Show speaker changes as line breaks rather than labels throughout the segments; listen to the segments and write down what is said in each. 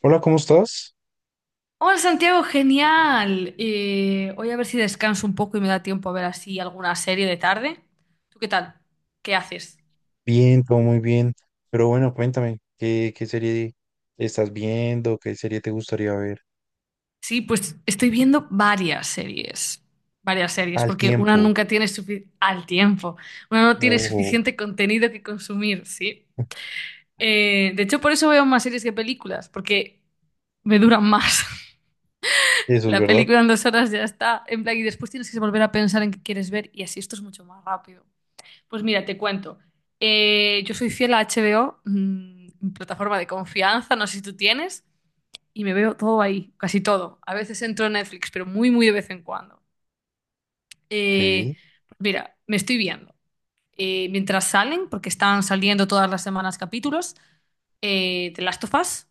Hola, ¿cómo estás?
Hola Santiago, genial. Voy a ver si descanso un poco y me da tiempo a ver así alguna serie de tarde. ¿Tú qué tal? ¿Qué haces?
Bien, todo muy bien. Pero bueno, cuéntame, ¿qué serie estás viendo? ¿Qué serie te gustaría ver
Sí, pues estoy viendo varias series,
al
porque una
tiempo?
nunca tiene suficiente al tiempo, una no tiene
Ojo,
suficiente contenido que consumir, ¿sí? De hecho, por eso veo más series que películas, porque me duran más.
eso es
La
verdad.
película en 2 horas ya está, en plan, y después tienes que volver a pensar en qué quieres ver y así esto es mucho más rápido. Pues mira, te cuento. Yo soy fiel a HBO, mi plataforma de confianza, no sé si tú tienes, y me veo todo ahí, casi todo. A veces entro en Netflix, pero muy, muy de vez en cuando.
Ok,
Eh, mira, me estoy viendo, mientras salen, porque están saliendo todas las semanas capítulos, The Last of Us,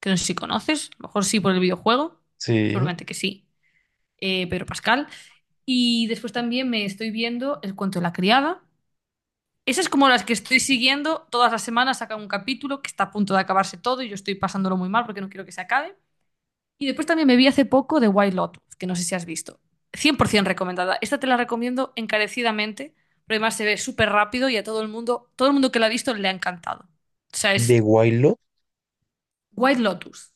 que no sé si conoces, a lo mejor sí por el videojuego,
sí.
seguramente que sí, Pedro Pascal. Y después también me estoy viendo El cuento de la criada. Esas como las que estoy siguiendo, todas las semanas sacan un capítulo que está a punto de acabarse todo y yo estoy pasándolo muy mal porque no quiero que se acabe. Y después también me vi hace poco de White Lotus, que no sé si has visto. 100% recomendada. Esta te la recomiendo encarecidamente, pero además se ve súper rápido y a todo el mundo que la ha visto le ha encantado. O sea, es
¿De White Lotus?
White Lotus.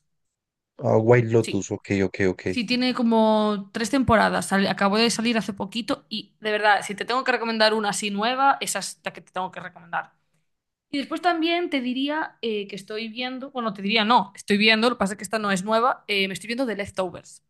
Ah, White Lotus,
Sí.
ok, ok, ok.
Sí, tiene como 3 temporadas. Acabó de salir hace poquito y de verdad, si te tengo que recomendar una así nueva, esa es la que te tengo que recomendar. Y después también te diría que estoy viendo, bueno, te diría no, estoy viendo, lo que pasa es que esta no es nueva, me estoy viendo The Leftovers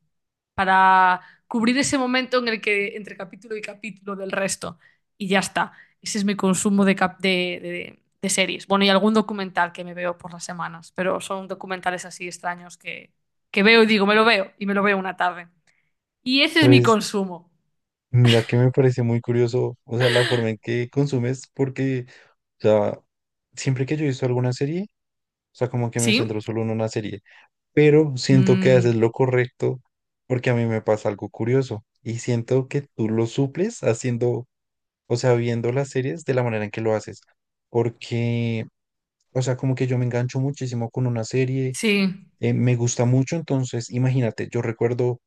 para cubrir ese momento en el que entre capítulo y capítulo del resto. Y ya está. Ese es mi consumo de, cap- de series. Bueno, y algún documental que me veo por las semanas, pero son documentales así extraños que, veo y digo, me lo veo y me lo veo una tarde. Y ese es mi
Pues
consumo.
mira que me parece muy curioso, o sea, la forma en que consumes, porque, o sea, siempre que yo he visto alguna serie, o sea, como que me centro
¿Sí?
solo en una serie. Pero siento que haces
Mm,
lo correcto, porque a mí me pasa algo curioso y siento que tú lo suples haciendo, o sea, viendo las series de la manera en que lo haces. Porque, o sea, como que yo me engancho muchísimo con una serie,
sí.
me gusta mucho, entonces, imagínate, yo recuerdo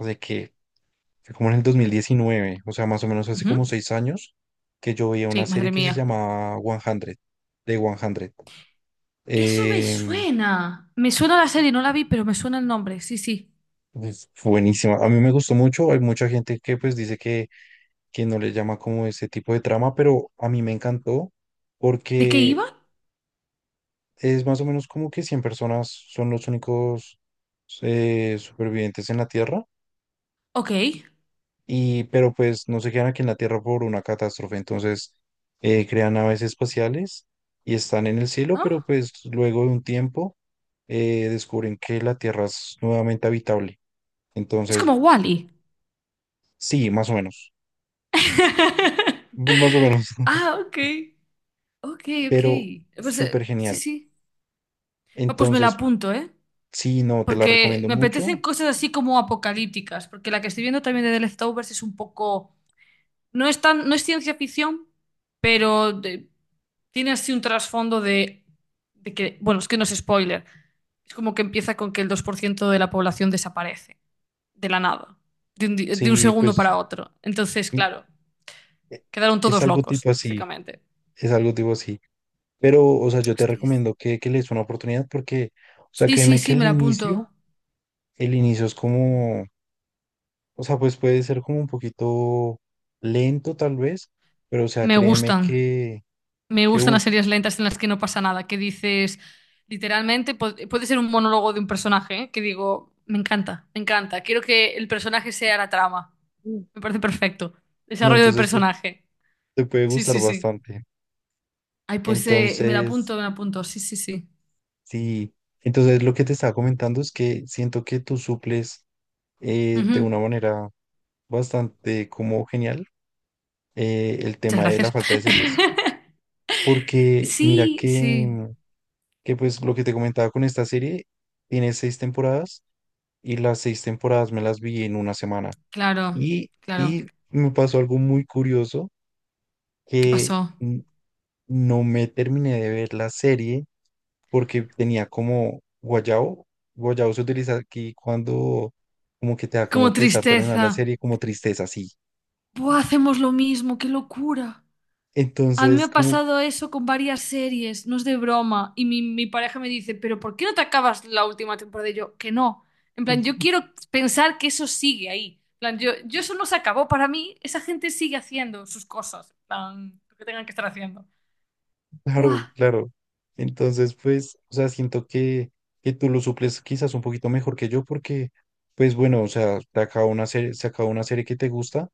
de que, que como en el 2019, o sea, más o menos hace como
Ujú.
seis años, que yo veía una
Sí,
serie
madre
que se
mía.
llamaba 100, de
Eso me
100.
suena. Me suena la serie, no la vi, pero me suena el nombre. Sí, sí.
Es buenísima. A mí me gustó mucho. Hay mucha gente que pues dice que no le llama como ese tipo de trama, pero a mí me encantó
¿De qué
porque
iba?
es más o menos como que 100 personas son los únicos supervivientes en la Tierra,
Ok.
y, pero pues no se quedan aquí en la Tierra por una catástrofe. Entonces crean naves espaciales y están en el cielo,
¿No?
pero pues luego de un tiempo descubren que la Tierra es nuevamente habitable.
Es
Entonces,
como Wally.
sí, más o menos. Pues más o menos.
Ah, ok. Ok, ok.
Pero
Pues
súper
sí,
genial.
sí. Ah, pues me la
Entonces,
apunto, ¿eh?
sí, no, te la
Porque
recomiendo
me apetecen
mucho.
cosas así como apocalípticas. Porque la que estoy viendo también de The Leftovers es un poco. No es tan, no es ciencia ficción, pero tiene así un trasfondo de que, bueno, es que no es spoiler, es como que empieza con que el 2% de la población desaparece, de la nada, de un
Sí,
segundo
pues
para otro. Entonces,
mm,
claro,
e-
quedaron
es
todos
algo
locos,
tipo así,
básicamente.
es algo tipo así. Pero, o sea, yo te
Hostias.
recomiendo que le des una oportunidad porque, o sea,
Sí, sí,
créeme que
sí, me la apunto.
el inicio es como, o sea, pues puede ser como un poquito lento tal vez, pero, o sea,
Me
créeme
gustan. Me
que,
gustan
uff,
las series lentas en las que no pasa nada, que dices, literalmente, puede ser un monólogo de un personaje, ¿eh? Que digo, me encanta, quiero que el personaje sea la trama. Me parece perfecto.
no,
Desarrollo de
entonces te,
personaje.
te puede
Sí,
gustar
sí, sí.
bastante.
Ay, pues me la
Entonces...
apunto, me la apunto. Sí, sí, sí.
Sí, entonces lo que te estaba comentando es que siento que tú suples, de una
Ujú.
manera bastante como genial, el
Muchas
tema de la
gracias.
falta de series, porque mira
Sí,
que,
sí.
que pues lo que te comentaba con esta serie, tiene seis temporadas y las seis temporadas me las vi en una semana
Claro,
y,
claro.
y me pasó algo muy curioso
¿Qué
que,
pasó?
no me terminé de ver la serie porque tenía como guayabo. Guayabo se utiliza aquí cuando como que te da
Como
como pesar terminar
tristeza.
la serie, como tristeza, sí.
Buah, hacemos lo mismo, qué locura. A mí me
Entonces,
ha
como,
pasado eso con varias series, no es de broma. Y mi pareja me dice, pero ¿por qué no te acabas la última temporada? Y yo, que no. En plan, yo quiero pensar que eso sigue ahí. En plan, yo eso no se acabó para mí. Esa gente sigue haciendo sus cosas. En plan, lo que tengan que estar haciendo. ¡Buah!
claro, claro. Entonces, pues, o sea, siento que tú lo suples quizás un poquito mejor que yo porque, pues bueno, o sea, te acaba una serie, se acaba una serie que te gusta,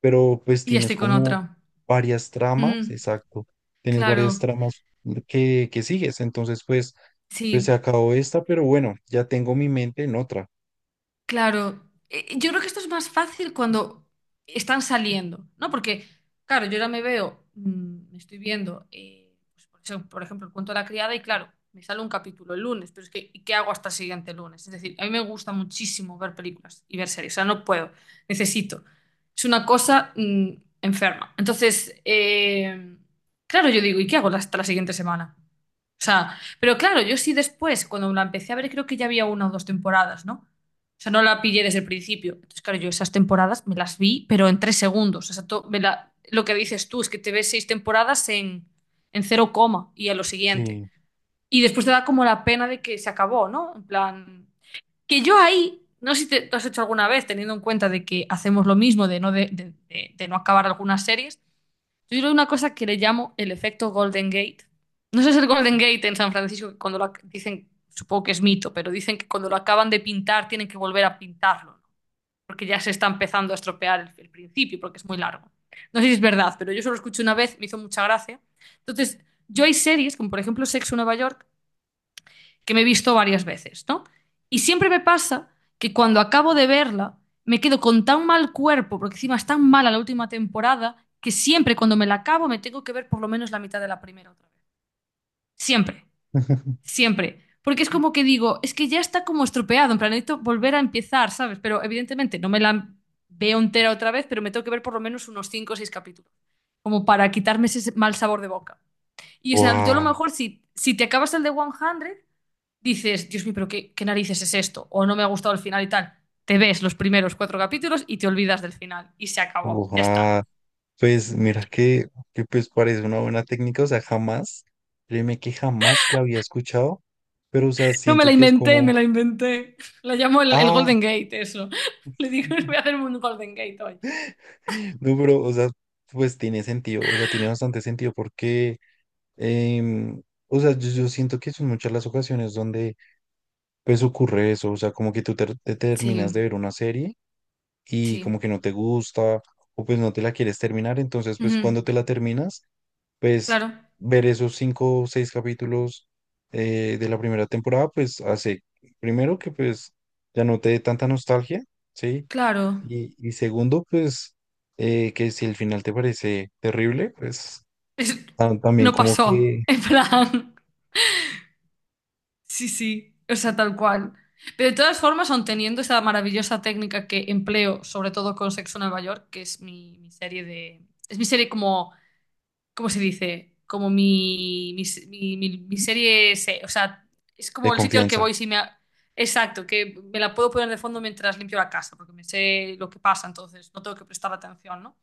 pero pues
Y ya
tienes
estoy con
como
otra.
varias tramas,
Ujú,
exacto, tienes varias
claro,
tramas que sigues, entonces pues, pues se
sí.
acabó esta, pero bueno, ya tengo mi mente en otra,
Claro. yo creo que esto es más fácil cuando están saliendo, ¿no? Porque, claro, yo ahora me veo, me estoy viendo, pues, por eso, por ejemplo, el cuento de la criada y claro, me sale un capítulo el lunes, pero es que, ¿y qué hago hasta el siguiente lunes? Es decir, a mí me gusta muchísimo ver películas y ver series, o sea, no puedo, necesito. Es una cosa, enferma. Entonces, claro, yo digo, ¿y qué hago hasta la siguiente semana? O sea, pero claro, yo sí después, cuando la empecé a ver, creo que ya había 1 o 2 temporadas, ¿no? O sea, no la pillé desde el principio. Entonces, claro, yo esas temporadas me las vi, pero en 3 segundos. O sea, lo que dices tú es que te ves 6 temporadas en cero coma y a lo siguiente.
sí.
Y después te da como la pena de que se acabó, ¿no? En plan, que yo ahí, no sé si te has hecho alguna vez, teniendo en cuenta de que hacemos lo mismo, de no, de no acabar algunas series, yo creo una cosa que le llamo el efecto Golden Gate. No sé si el Golden Gate en San Francisco, que cuando dicen, supongo que es mito, pero dicen que cuando lo acaban de pintar tienen que volver a pintarlo, ¿no? Porque ya se está empezando a estropear el principio, porque es muy largo. No sé si es verdad, pero yo solo lo escuché una vez, me hizo mucha gracia. Entonces, yo hay series, como por ejemplo Sexo en Nueva York, que me he visto varias veces, ¿no? Y siempre me pasa que cuando acabo de verla, me quedo con tan mal cuerpo, porque encima es tan mala la última temporada, que siempre cuando me la acabo me tengo que ver por lo menos la mitad de la primera otra vez. Siempre, siempre. Porque es como que digo, es que ya está como estropeado, en plan, necesito volver a empezar, ¿sabes? Pero evidentemente no me la veo entera otra vez, pero me tengo que ver por lo menos unos 5 o 6 capítulos, como para quitarme ese mal sabor de boca. Y o sea, yo a lo
Wow.
mejor si te acabas el de 100, dices, Dios mío, pero qué, qué narices es esto, o no me ha gustado el final y tal, te ves los primeros 4 capítulos y te olvidas del final y se acabó, ya está.
Pues mira que pues parece una buena técnica, o sea, jamás, créeme que jamás la había escuchado, pero o sea,
No me
siento
la
que es
inventé, me
como,
la inventé. La llamo el
ah,
Golden Gate, eso. Le digo, voy a hacer un Golden Gate hoy.
no, pero o sea, pues tiene sentido, o sea, tiene bastante sentido porque Em, o sea, yo siento que son muchas las ocasiones donde pues ocurre eso, o sea, como que te terminas de
Sí,
ver una serie y
sí.
como que no te gusta o pues no te la quieres terminar, entonces pues
Ujú.
cuando te la terminas, pues
Claro,
ver esos cinco o seis capítulos, de la primera temporada, pues hace primero que pues ya no te dé tanta nostalgia, ¿sí?
claro.
Y segundo, pues que si el final te parece terrible, pues
Es-
también
no
como
pasó,
que
en plan. Sí, sí, o sea, tal cual. Pero de todas formas, aun teniendo esa maravillosa técnica que empleo, sobre todo con Sexo en Nueva York, que es mi serie de... Es mi serie como... ¿Cómo se dice? Como mi serie... O sea, es
de
como el sitio al que
confianza.
voy si me. Exacto, que me la puedo poner de fondo mientras limpio la casa, porque me sé lo que pasa, entonces no tengo que prestar atención, ¿no?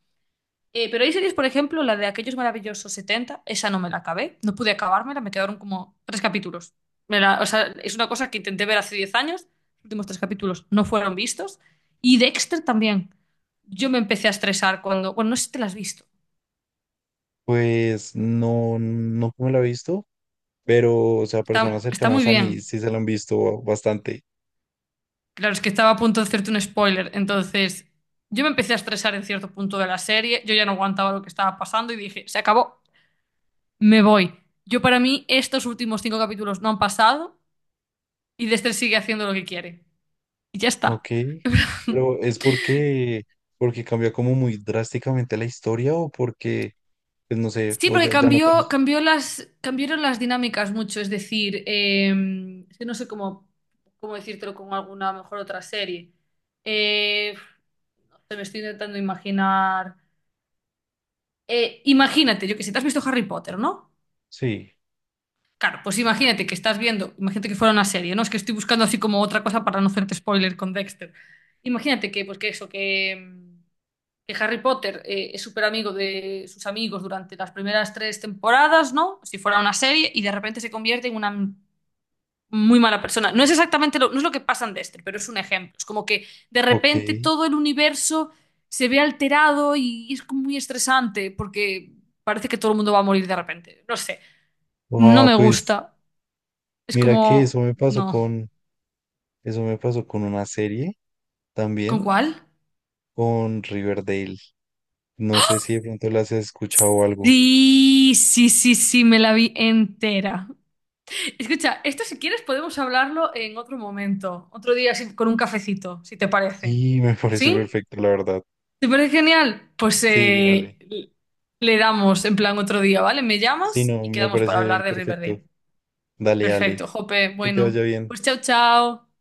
Pero hay series, por ejemplo, la de Aquellos Maravillosos 70 esa no me la acabé, no pude acabármela, me quedaron como 3 capítulos. O sea, es una cosa que intenté ver hace 10 años, los últimos 3 capítulos no fueron vistos. Y Dexter también. Yo me empecé a estresar cuando, bueno, no sé si te la has visto,
Pues no, no me la he visto, pero, o sea, personas
está muy
cercanas a mí
bien.
sí se la han visto bastante,
Claro, es que estaba a punto de hacerte un spoiler, entonces yo me empecé a estresar en cierto punto de la serie, yo ya no aguantaba lo que estaba pasando y dije, se acabó, me voy. Yo para mí estos últimos 5 capítulos no han pasado. Y Lester sigue haciendo lo que quiere. Y ya
¿ok?
está.
Pero es porque, porque cambia como muy drásticamente la historia o porque, pues no sé,
Sí,
o
porque
ya, ya no te gusta.
cambiaron las dinámicas mucho. Es decir, es que no sé cómo decírtelo con alguna mejor otra serie. Eh, no sé, me estoy intentando imaginar. Imagínate, yo que sé, te has visto Harry Potter, ¿no?
Sí,
Claro, pues imagínate que estás viendo, imagínate que fuera una serie, ¿no? Es que estoy buscando así como otra cosa para no hacerte spoiler con Dexter. Imagínate que, pues que eso, que Harry Potter es súper amigo de sus amigos durante las primeras 3 temporadas, ¿no? Si fuera una serie, y de repente se convierte en una muy mala persona. No es exactamente no es lo que pasa en Dexter, pero es un ejemplo. Es como que de
ok.
repente todo el universo se ve alterado y es como muy estresante porque parece que todo el mundo va a morir de repente. No sé, no
Ah,
me
pues
gusta. Es
mira que eso
como,
me pasó
no.
con, eso me pasó con una serie
¿Con
también,
cuál?
con Riverdale. No sé si de pronto las has escuchado o algo.
Sí, sí, sí, sí, me la vi entera. Escucha, esto si quieres podemos hablarlo en otro momento, otro día así, con un cafecito, si te
Sí,
parece.
me parece
¿Sí?
perfecto, la verdad.
¿Te parece genial? Pues
Sí, dale.
le damos en plan otro día, ¿vale? Me
Sí,
llamas
no,
y
me
quedamos para hablar
parece
de
perfecto.
Riverdale.
Dale, dale.
Perfecto, Jope.
Que te
Bueno,
vaya bien.
pues chao, chao.